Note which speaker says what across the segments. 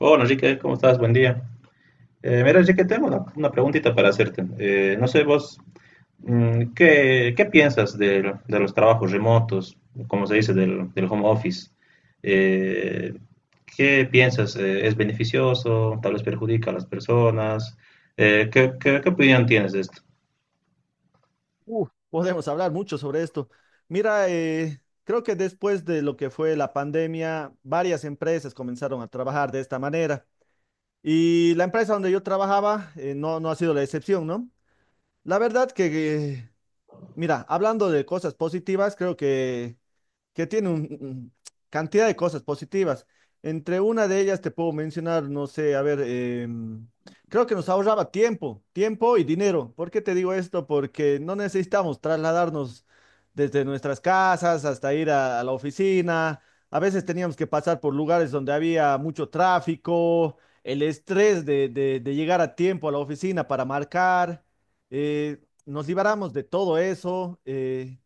Speaker 1: Hola Enrique, ¿cómo estás? Buen día. Mira Enrique, tengo una preguntita para hacerte. No sé vos, ¿qué piensas de los trabajos remotos, como se dice, del home office? Eh, ¿Qué piensas? ¿Es beneficioso? ¿Tal vez perjudica a las personas? ¿Qué opinión tienes de esto?
Speaker 2: Podemos hablar mucho sobre esto. Mira, creo que después de lo que fue la pandemia, varias empresas comenzaron a trabajar de esta manera. Y la empresa donde yo trabajaba, no ha sido la excepción, ¿no? La verdad que, eh, mira, hablando de cosas positivas, creo que tiene cantidad de cosas positivas. Entre una de ellas te puedo mencionar, no sé, a ver, creo que nos ahorraba tiempo, tiempo y dinero. ¿Por qué te digo esto? Porque no necesitamos trasladarnos desde nuestras casas hasta ir a la oficina. A veces teníamos que pasar por lugares donde había mucho tráfico, el estrés de llegar a tiempo a la oficina para marcar. Nos liberamos de todo eso. eh,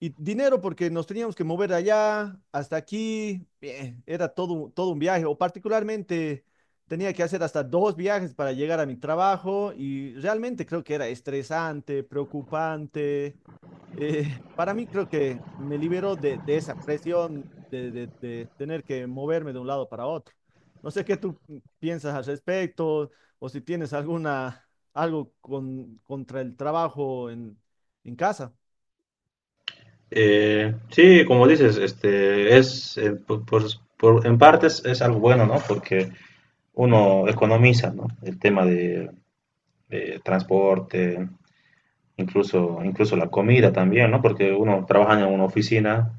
Speaker 2: y dinero porque nos teníamos que mover allá, hasta aquí, bien, era todo, todo un viaje, o particularmente tenía que hacer hasta dos viajes para llegar a mi trabajo, y realmente creo que era estresante, preocupante. Para mí creo que me liberó de esa presión de, de tener que moverme de un lado para otro. No sé qué tú piensas al respecto, o si tienes alguna, algo con, contra el trabajo en casa.
Speaker 1: Sí, como dices, este es, en partes es algo bueno, ¿no? Porque uno economiza, ¿no? El tema de transporte, incluso la comida también, ¿no? Porque uno trabaja en una oficina,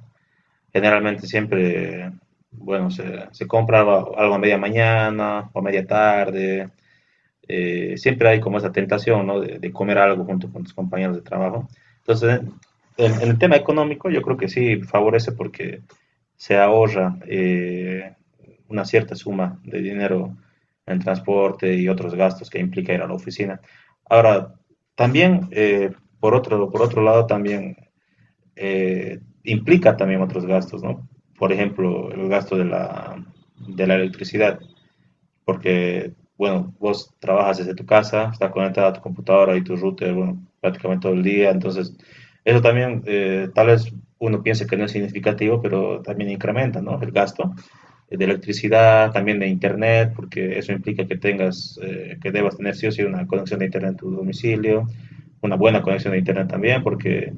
Speaker 1: generalmente siempre, bueno, se compra algo a media mañana o a media tarde, siempre hay como esa tentación, ¿no? de comer algo junto con tus compañeros de trabajo. Entonces, en el tema económico yo creo que sí favorece porque se ahorra una cierta suma de dinero en transporte y otros gastos que implica ir a la oficina. Ahora, también, por otro lado, también implica también otros gastos, ¿no? Por ejemplo, el gasto de la electricidad porque, bueno, vos trabajas desde tu casa, estás conectada a tu computadora y tu router, bueno, prácticamente todo el día. Entonces eso también, tal vez uno piense que no es significativo, pero también incrementa, ¿no? El gasto de electricidad, también de internet, porque eso implica que tengas, que debas tener sí o sí una conexión de internet en tu domicilio, una buena conexión de internet también, porque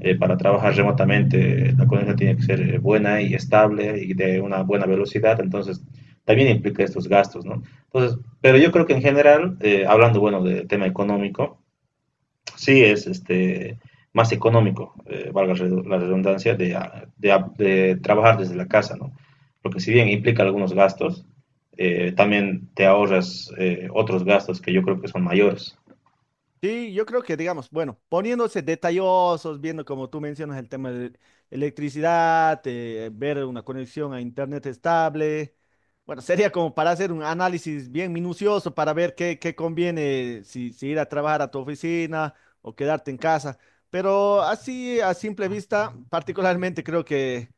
Speaker 1: para trabajar remotamente la conexión tiene que ser buena y estable y de una buena velocidad. Entonces también implica estos gastos, ¿no? Entonces, pero yo creo que en general, hablando, bueno, del tema económico, sí es este más económico, valga la redundancia, de trabajar desde la casa, ¿no? Porque si bien implica algunos gastos, también te ahorras otros gastos que yo creo que son mayores.
Speaker 2: Sí, yo creo que, digamos, bueno, poniéndose detallosos, viendo como tú mencionas el tema de electricidad, ver una conexión a internet estable, bueno, sería como para hacer un análisis bien minucioso para ver qué conviene, si ir a trabajar a tu oficina o quedarte en casa. Pero así, a simple vista, particularmente creo que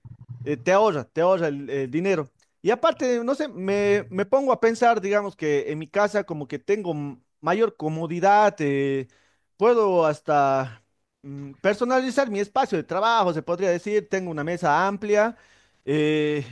Speaker 2: te ahorra el dinero. Y aparte, no sé, me pongo a pensar, digamos que en mi casa como que tengo mayor comodidad, puedo hasta personalizar mi espacio de trabajo, se podría decir, tengo una mesa amplia, eh,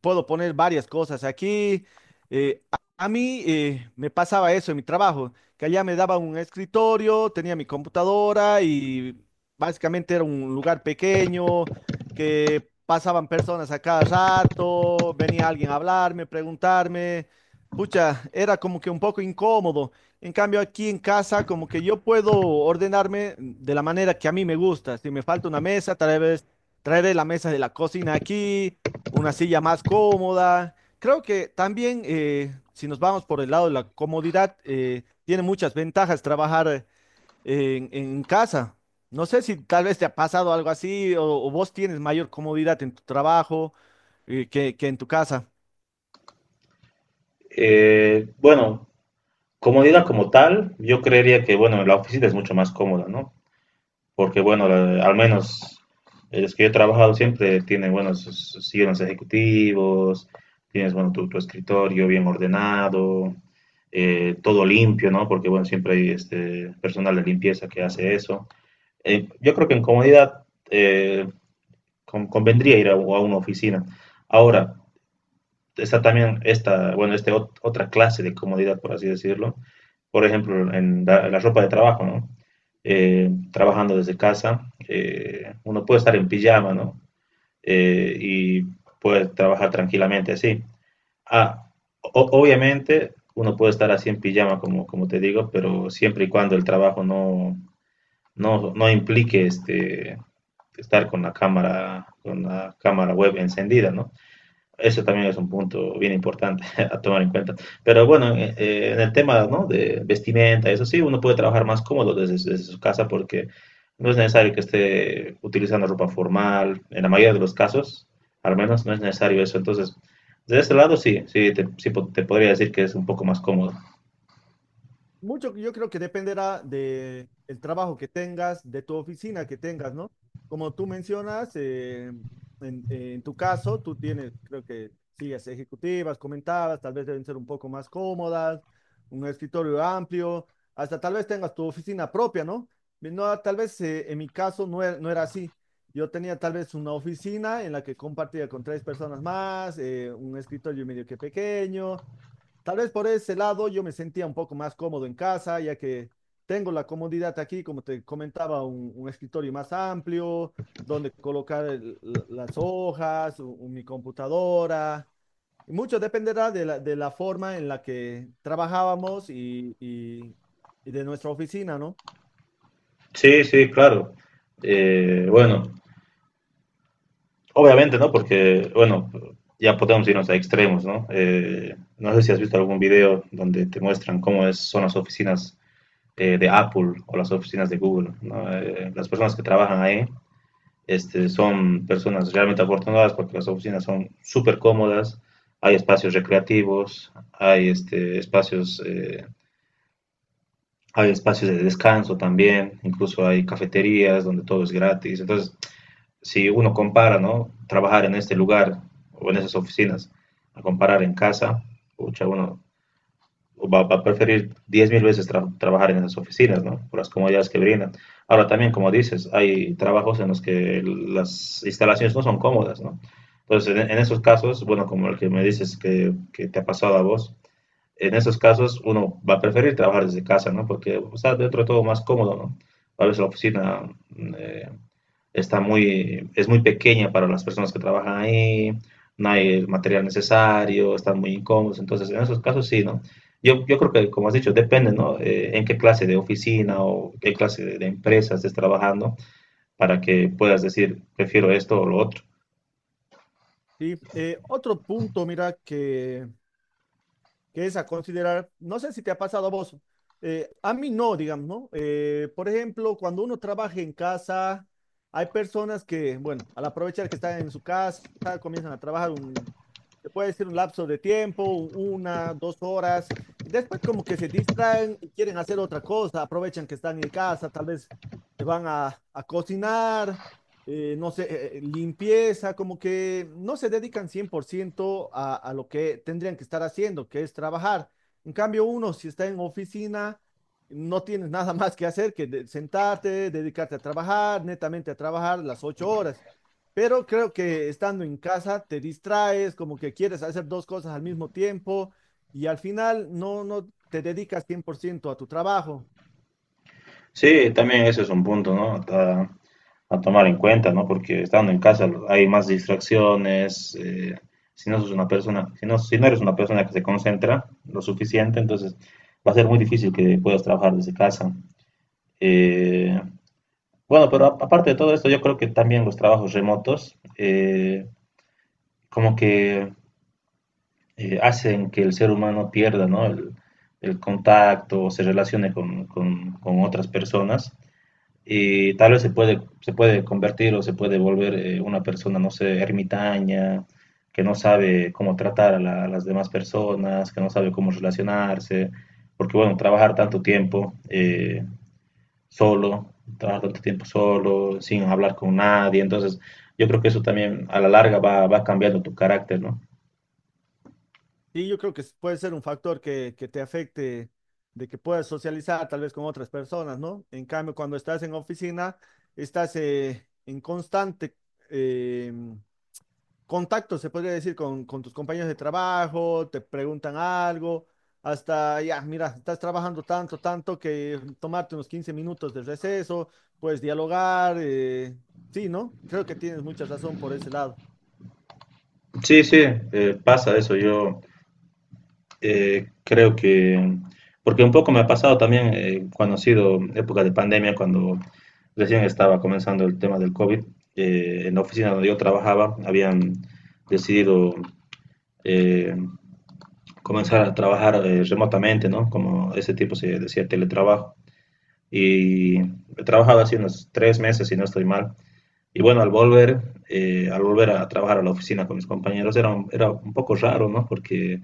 Speaker 2: puedo poner varias cosas aquí. eh, a mí, me pasaba eso en mi trabajo, que allá me daba un escritorio, tenía mi computadora y básicamente era un lugar pequeño que pasaban personas a cada rato, venía alguien a hablarme, preguntarme. Pucha, era como que un poco incómodo. En cambio, aquí en casa, como que yo puedo ordenarme de la manera que a mí me gusta. Si me falta una mesa, tal vez traeré la mesa de la cocina aquí, una silla más cómoda. Creo que también, si nos vamos por el lado de la comodidad, tiene muchas ventajas trabajar en casa. No sé si tal vez te ha pasado algo así, o vos tienes mayor comodidad en tu trabajo, que en tu casa.
Speaker 1: Bueno, comodidad como tal, yo creería que, bueno, la oficina es mucho más cómoda, ¿no? Porque bueno, al menos los que yo he trabajado siempre tienen buenos sus sillones ejecutivos, tienes bueno tu escritorio bien ordenado, todo limpio, ¿no? Porque bueno, siempre hay este personal de limpieza que hace eso. Yo creo que en comodidad eh, convendría ir a una oficina. Ahora, está también bueno, este ot otra clase de comodidad, por así decirlo. Por ejemplo, en la ropa de trabajo, ¿no? Trabajando desde casa, uno puede estar en pijama, ¿no? Y puede trabajar tranquilamente así. Ah, obviamente, uno puede estar así en pijama, como te digo, pero siempre y cuando el trabajo no implique estar con la cámara web encendida, ¿no? Eso también es un punto bien importante a tomar en cuenta. Pero bueno, en el tema, ¿no? de vestimenta, eso sí, uno puede trabajar más cómodo desde su casa porque no es necesario que esté utilizando ropa formal. En la mayoría de los casos, al menos, no es necesario eso. Entonces, de ese lado sí, sí, te podría decir que es un poco más cómodo.
Speaker 2: Mucho, yo creo que dependerá de el trabajo que tengas, de tu oficina que tengas, ¿no? Como tú mencionas, en tu caso, tú tienes, creo que sillas ejecutivas, comentabas, tal vez deben ser un poco más cómodas, un escritorio amplio, hasta tal vez tengas tu oficina propia, ¿no? No, tal vez, en mi caso no era así. Yo tenía tal vez una oficina en la que compartía con tres personas más, un escritorio medio que pequeño. Tal vez por ese lado yo me sentía un poco más cómodo en casa, ya que tengo la comodidad aquí, como te comentaba, un escritorio más amplio, donde colocar las hojas, mi computadora. Y mucho dependerá de la, forma en la que trabajábamos y de nuestra oficina, ¿no?
Speaker 1: Sí, sí, claro. Bueno, obviamente, ¿no? Porque, bueno, ya podemos irnos a extremos, ¿no? No sé si has visto algún video donde te muestran cómo son las oficinas de Apple o las oficinas de Google, ¿no? Las personas que trabajan ahí son personas realmente afortunadas porque las oficinas son súper cómodas, hay espacios recreativos, hay espacios, hay espacios de descanso también, incluso hay cafeterías donde todo es gratis. Entonces, si uno compara, ¿no? Trabajar en este lugar o en esas oficinas, a comparar en casa, pucha, uno va a preferir 10,000 veces trabajar en esas oficinas, ¿no? Por las comodidades que brindan. Ahora también, como dices, hay trabajos en los que las instalaciones no son cómodas, ¿no? Entonces, en esos casos, bueno, como el que me dices que te ha pasado a vos, en esos casos uno va a preferir trabajar desde casa, ¿no? Porque está dentro de todo más cómodo, ¿no? A veces la oficina eh, es muy pequeña para las personas que trabajan ahí, no hay el material necesario, están muy incómodos, entonces en esos casos sí, ¿no? Yo creo que, como has dicho, depende, ¿no? En qué clase de oficina o qué clase de empresa estés trabajando para que puedas decir, prefiero esto o lo otro.
Speaker 2: Y, otro punto, mira, que es a considerar, no sé si te ha pasado a vos, a mí no, digamos, ¿no? Por ejemplo, cuando uno trabaja en casa, hay personas que, bueno, al aprovechar que están en su casa, comienzan a trabajar se puede decir un lapso de tiempo, una, 2 horas, y después como que se distraen y quieren hacer otra cosa, aprovechan que están en casa, tal vez se van a cocinar, no sé, limpieza, como que no se dedican 100% a lo que tendrían que estar haciendo, que es trabajar. En cambio, uno, si está en oficina, no tienes nada más que hacer que sentarte, dedicarte a trabajar, netamente a trabajar las 8 horas. Pero creo que estando en casa te distraes, como que quieres hacer dos cosas al mismo tiempo y al final no te dedicas 100% a tu trabajo.
Speaker 1: Sí, también ese es un punto, ¿no? A tomar en cuenta, ¿no? Porque estando en casa hay más distracciones. Si no sos una persona, si no eres una persona que se concentra lo suficiente, entonces va a ser muy difícil que puedas trabajar desde casa. Eh, bueno, pero aparte de todo esto, yo creo que también los trabajos remotos como que hacen que el ser humano pierda, ¿no? El contacto, o se relacione con otras personas. Y tal vez se puede convertir o se puede volver una persona, no sé, ermitaña, que no sabe cómo tratar a las demás personas, que no sabe cómo relacionarse, porque bueno, trabajar tanto tiempo solo, trabajar tanto tiempo solo, sin hablar con nadie, entonces yo creo que eso también a la larga va cambiando tu carácter, ¿no?
Speaker 2: Sí, yo creo que puede ser un factor que te afecte, de que puedas socializar tal vez con otras personas, ¿no? En cambio, cuando estás en oficina, estás, en constante, eh, contacto, se podría decir, con tus compañeros de trabajo, te preguntan algo, hasta ya, mira, estás trabajando tanto, tanto que tomarte unos 15 minutos de receso, puedes dialogar, sí, ¿no? Creo que tienes mucha razón por ese lado.
Speaker 1: Sí, sí, pasa eso, yo... Creo que, porque un poco me ha pasado también cuando ha sido época de pandemia, cuando recién estaba comenzando el tema del COVID, en la oficina donde yo trabajaba habían decidido eh, comenzar a trabajar remotamente, ¿no? Como ese tipo se decía, teletrabajo. Y he trabajado así unos 3 meses, si no estoy mal. Y bueno, al volver a trabajar a la oficina con mis compañeros, era un poco raro, ¿no? Porque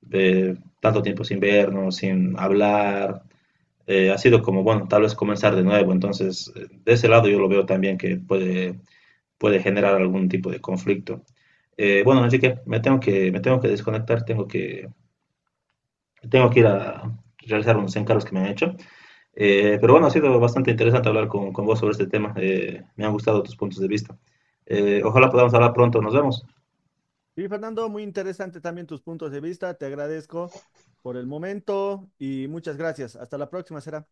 Speaker 1: de tanto tiempo sin vernos, sin hablar, ha sido como, bueno, tal vez comenzar de nuevo. Entonces, de ese lado yo lo veo también que puede generar algún tipo de conflicto. Bueno, Enrique, me tengo que desconectar, tengo que ir a realizar unos encargos que me han hecho. Pero bueno, ha sido bastante interesante hablar con vos sobre este tema. Me han gustado tus puntos de vista. Ojalá podamos hablar pronto. Nos vemos.
Speaker 2: Sí, Fernando, muy interesante también tus puntos de vista. Te agradezco por el momento y muchas gracias. Hasta la próxima, será.